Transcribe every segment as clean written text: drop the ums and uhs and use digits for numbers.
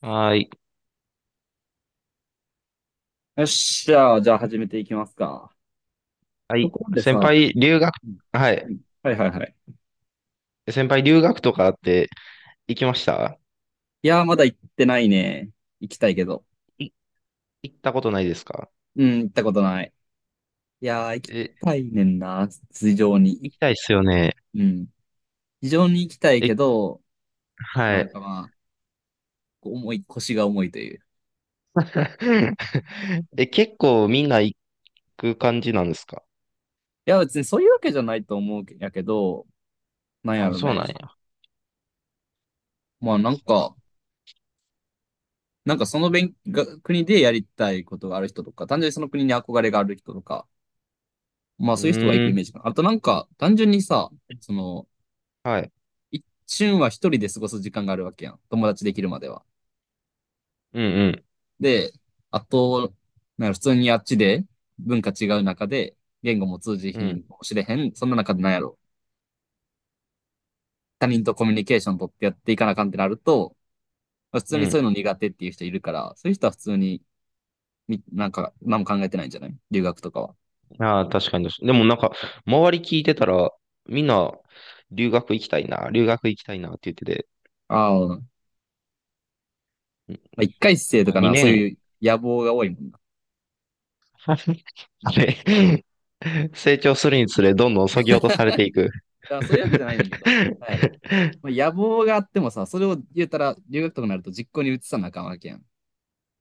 はーい。よっしゃー、じゃあ始めていきますか。はとい。ころで先さ、輩、留学、うんはい。うん、はい、はい、はい。先輩、留学とかって行きました？いやー、まだ行ってないね。行きたいけど。い、行ったことないですか？うん、行ったことない。いやー、行きえ、たいねんな、非常に。行きたいっすよね。うん。非常に行きたいえ、けど、はなんい。かまあ、こう腰が重いという。え、結構みんな行く感じなんですか？いや、別にそういうわけじゃないと思うけやけど、なんやあ、ろそうね。なんや。まあ、なんかその勉が国でやりたいことがある人とか、単純にその国に憧れがある人とか、まあうそういう人が行くーイメん。ージかな。あとなんか、単純にさ、その、はい。一瞬は一人で過ごす時間があるわけやん。友達できるまでは。うんで、あと、なんか普通にあっちで文化違う中で、言語も通じうん。うひんん。かもしれへん。そんな中でなんやろ。他人とコミュニケーション取ってやっていかなあかんってなると、まあ普う通にそういうん。の苦手っていう人いるから、そういう人は普通に、みなんか、何も考えてないんじゃない留学とかは。ああ、確かに確かに。でもなんか、周り聞いてたら、みんな、留学行きたいな、留学行きたいなって言ってて、ああ、まあ、一回生とかな、そ2う年、いう野望が多いもんな。あれ、うあんれ成長するにつれ、どんどん削ぎ落とされていく。や、そういうわけじゃないねんけど、なんやろ。まあ、野望があってもさ、それを言うたら、留学とかになると実行に移さなあかんわけやん。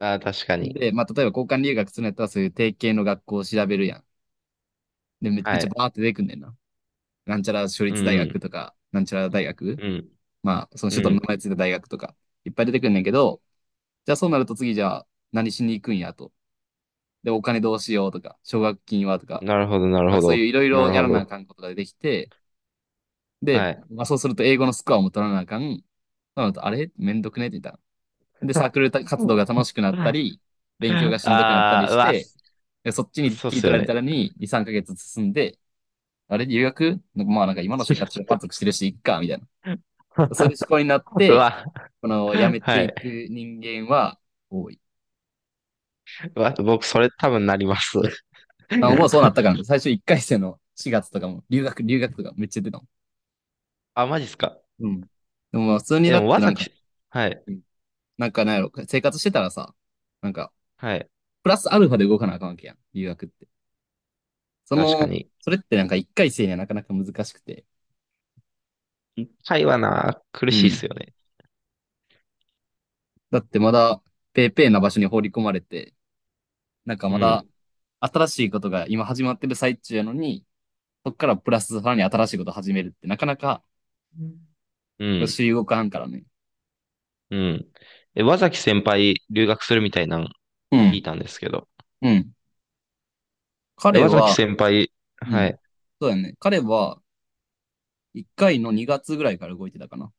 ああ、確かに。で、まあ、例えば交換留学するんやったら、そういう定型の学校を調べるやん。で、めめっはちゃい。バーって出てくんねんな。なんちゃら私う立大学ん、とか、なんちゃら大学、うん、まあ、そのう首都の名ん、前ついた大学とか、いっぱい出てくんねんけど、じゃあそうなると次じゃあ何しに行くんやと。で、お金どうしようとか、奨学金はとうん。か、なるほど、なるまあ、ほそうど。いういろいなろるやほらなあど。かんことが出てきて、で、はい。まあ、そうすると英語のスコアも取らなあかん。そうなると、あれめんどくねって言ったらで、サー クル活動が楽しくなったあり、勉強がしんどくなったりあ、うしわ、て、そっちにそうっ切りす取よられね。たらに2、3ヶ月進んで、あれ、留学なんかまあ、なんか今の生活 満足してるし、いっか、みたいな。そういう思考になっうて、わ、この辞めはていくい。人間は多い。うわ、僕、それ多分なります。あ、僕はそうなったから ね、最初1回生の4月とかも、留学、留学とかめっちゃ出たの。あ、マジっすか。うん。でもまあ普通にえ、でなっも、てわなざんか、き、はい、うん、なんかなんやろ、生活してたらさ、なんか、はい。プラスアルファで動かなあかんわけやん、留学って。そ確かの、に。それってなんか一回生にはなかなか難しくて。会話な、苦うしいっすん。よね。だってまだ、ペーペーな場所に放り込まれて、なんかうまだ、ん。新しいことが今始まってる最中やのに、そっからプラスさらに新しいこと始めるって、なかなか、うんうん、主流動かんからね。え、和崎先輩、留学するみたいなのう聞いん。たんですけど。うん。え、彼和崎は、先輩、うはん。い。そうだね。彼は、一回の2月ぐらいから動いてたかな。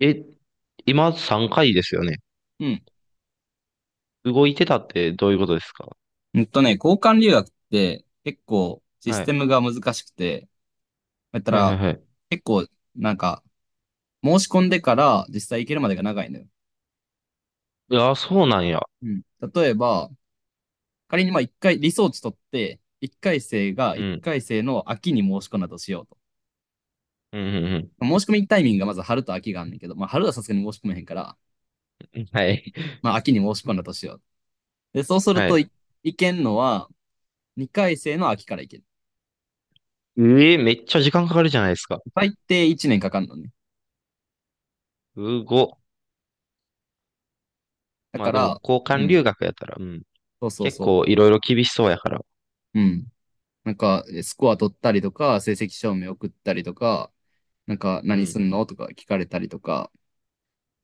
え、今3回ですよね。うん。動いてたってどういうことですか？うんとね、交換留学って、結構、シスはテい。ムが難しくて、やったはいはいら、はい。結構、なんか、申し込んでから実際行けるまでが長いのよ。いや、そうなんや。うん。例えば、仮にまあ一回、リソーチ取って、一回生がう一ん。回生の秋に申し込んだとしようと。うんうん申し込みタイミングがまず春と秋があんねんけど、まあ春はさすがに申し込めへんから、うん。はい。まあ秋に申し込んだとしようと。で、そうするはとい。い、行けんのは二回生の秋から行ける。ええ、めっちゃ時間かかるじゃないですか。最低一年かかんのね。うご。だまあかでも、ら、交う換ん、留学やったら、うん。そうそう結そ構いろいろ厳しそうやから。う。うん。なんか、スコア取ったりとか、成績証明送ったりとか、なんか、う何ん。すんのとか聞かれたりとか、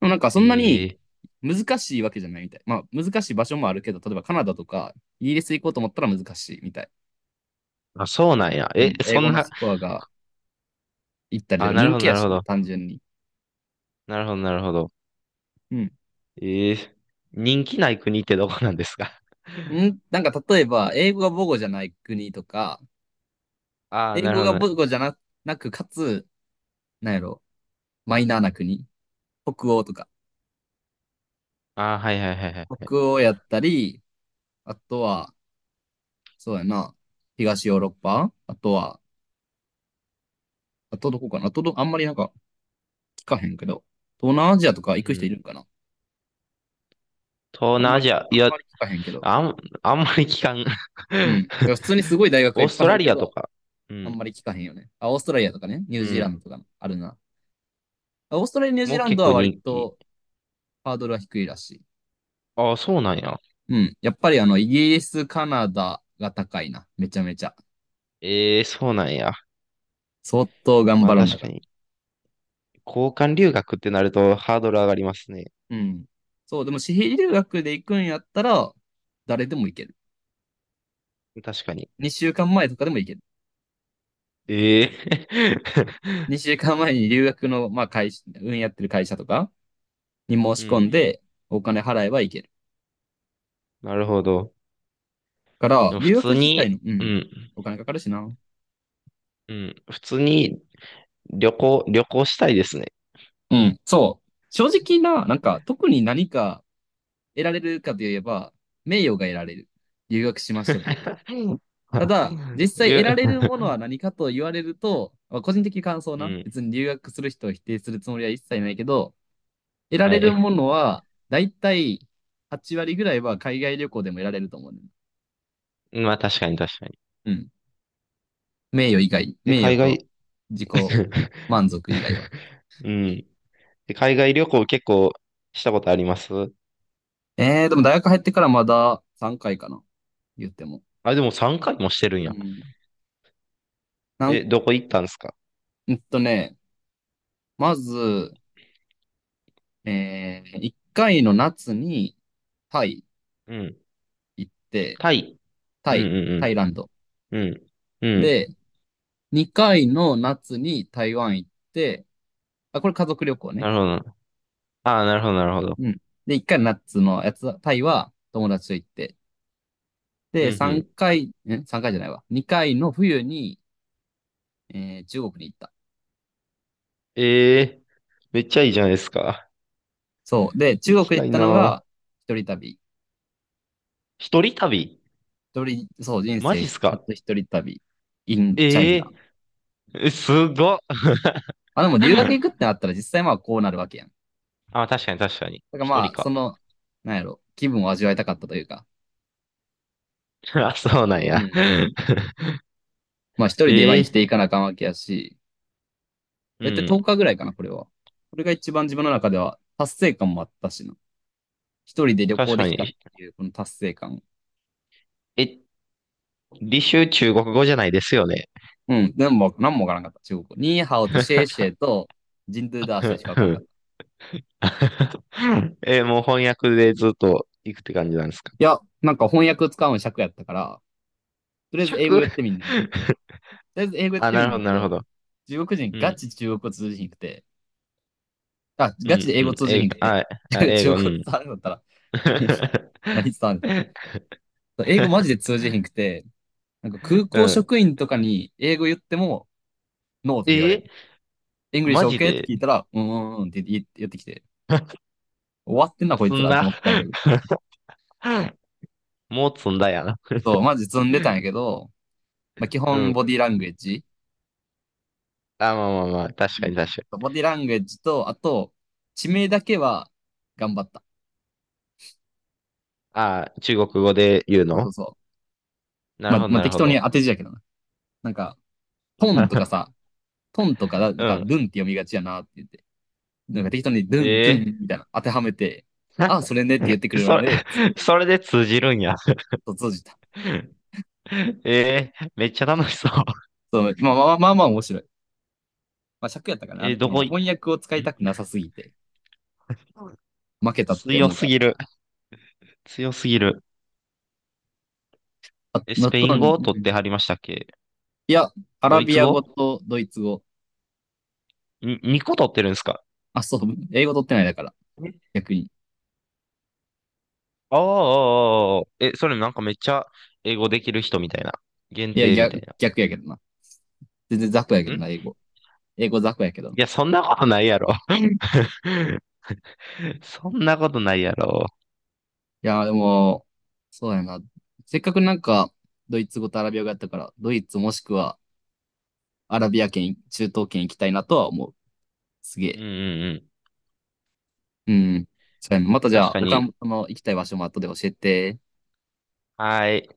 でもなんかそんなにええ、難しいわけじゃないみたい。まあ難しい場所もあるけど、例えばカナダとかイギリス行こうと思ったら難しいみたい。あ、そうなんや。うえ、ん。英そん語のな、スコアが行ったりとあ、かなる人ほど気やなるほしね、ど。単純に。なるほどなるほど。うん。ええ、人気ない国ってどこなんですか？ なんか例えば、英語が母語じゃない国とか、ああ、英なる語ほがど母ね。語じゃな、なく、かつ、なんやろ、マイナーな国。北欧とか。ああ、はいはいはいはいはい。北欧やったり、あとは、そうやな、東ヨーロッパあとは、あとどこかなあとど、あんまりなんか聞かへんけど、東南アジアとかう行く人いん。るんかな。東あん南まアり、ジア、あいんや、まり聞かへんけど。あん、あんまり聞かん。うん。いや普通にす ごい大学がオいーっスぱトいあラるけリアとど、か。うあんん。まり聞かへんよね。あ、オーストラリアとかね、ニュうージーランん。ドとかあるな。あオーストラリア、ニュージーもうラン結ドは構割人気。とハードルは低いらしい。ああ、そうなんや。うん。やっぱりあの、イギリス、カナダが高いな。めちゃめちゃ。ええ、そうなんや。相当頑ま張あらなあ確かかん。に。交換留学ってなるとハードル上がりますね。うん。そう、でも私費留学で行くんやったら、誰でも行ける。確かに。2週間前とかでも行ける。ええ。 2週間前に留学の、まあ、会社、運やってる会社とかに申 うし込んん。で、お金払えば行ける。なるほど。から、でも普留学通自体に、の、ううん、ん。お金かかるしな。うん。普通に旅行したいですね。うん、そう。正直な、なんか、特に何か得られるかといえば、名誉が得られる。留学しましたという。うん。 ただ、実際りゅ得られう るものは何かと言われると、まあ個人的感想 うな。ん、別に留学する人を否定するつもりは一切ないけど、得らはれるい。ものは、だいたい8割ぐらいは海外旅行でも得られると思うね。まあ確かに確かに。うん。名誉以外、え、名誉海と外、自己 満足以外は。うん。え、海外旅行結構したことあります？ええでも大学入ってからまだ3回かいかな。言っても。あ、でも3回もしてるんうや。ん。なん、え、どこ行ったんですか？うんとね、まず、ええ1回の夏にタイうん。行って、タイ。うタんイ、タうイランド。んうん。うん。うん。で、2回の夏に台湾行って、あ、これ家族旅行ね。なるほどな。ああ、なるほどなるほど。うん。で、1回の夏のやつ、タイは友達と行って。うで、んう3ん。回、えさん ?3 回じゃないわ。2回の冬に、中国に行った。ええ、めっちゃいいじゃないですか。そう。で、行中き国た行っいたのがな。一人旅。一人旅？一人、そう、人マ生ジっす初か？一人旅、in え China。ええ、すごっ。まあ、でも留学行くって なったら実際まあこうなるわけやん。だあ、確かに確かに。から一ま人あ、か。なんやろ、気分を味わいたかったというか。あ、そうなんうや。ん。まあ一人でまあ生きてええ、いかなあかんわけやし、うだいたいん。10日ぐらいかな、これは。これが一番自分の中では達成感もあったしな。一人で旅行確でかきたっに。ていうこの達成感。え、履修中国語じゃないですよね。うん。でも、なんもわからんかった、中国語。ニーハオとシェイ シェイとジンドゥダーシェイしかわかうらんかった。ん。 え、もう翻訳でずっと行くって感じなんですか。いや、なんか翻訳使うの尺やったから、とりあえず尺。 英語言っ てみんねんな。とりあえず英語やっあ、てみなんるねほんど、けなるほど、ど。中国人うガん、チ中国語通じひんくて、あ、うガチん、で英う語ん。通じ英ひん語、くて、あ、 英中語、う国語ん。伝わるんだったら 何伝わるんだったら英語マジで通じひんくて、なんか空う港ん。職員とかに英語言っても、ノーとか言われる。え、イングリッマシュ ジ OK ってで。 聞いたら、うーんって言ってきて、終わってんなこい積つんらとだ。 思ったんやけど。もう積んだやな。 そう、マ ジ積んでたんやけど、まあ、基う本ん。ボディランゲージ。あ、まあまあまあ、確うかん。に確かに。ボディランゲージと、あと、地名だけは頑張った。ああ、中国語で言うそうそうの？そう。なまるあ、ほど、まあ、なる適ほ当ど。に当て字やけどな。なんか、トンとか さ、トンとか、なんうか、ん。ルンって読みがちやなって言って、なんか適当にルン、えトゥンえ。 みたいな当てはめて、あ、それねって言ってくれるそのれ、で、続ける。それで通じるんや。と、閉じた。ええ、めっちゃ楽しそう。そう、まあ面白い。まあ尺やったかな。あえーどの、こい、ん翻訳を使いたくなさすぎて、負けたって強思うすから。ぎる。強すぎる。あ、え、スのペイトン語ン、を取ってはりましたっけ？いや、アラドイビツア語語とドイツ語。に ?2 個取ってるんですか？あ、そう、英語取ってないだから、え、逆に。ああー、あーあー、え、それなんかめっちゃ英語できる人みたいな。限いや、定みたい逆、な。逆やけどな。全然雑魚やけどな、い英語。英語雑魚やけどな。や、そんなことないやろ。そんなことないやろ。いやー、でも、そうやな。せっかくなんか、ドイツ語とアラビア語やったから、ドイツもしくはアラビア圏、中東圏行きたいなとは思う。すげうんうえ。んうん。うん。そうやなまたじゃ確あ、か他に。の行きたい場所も後で教えて。はい。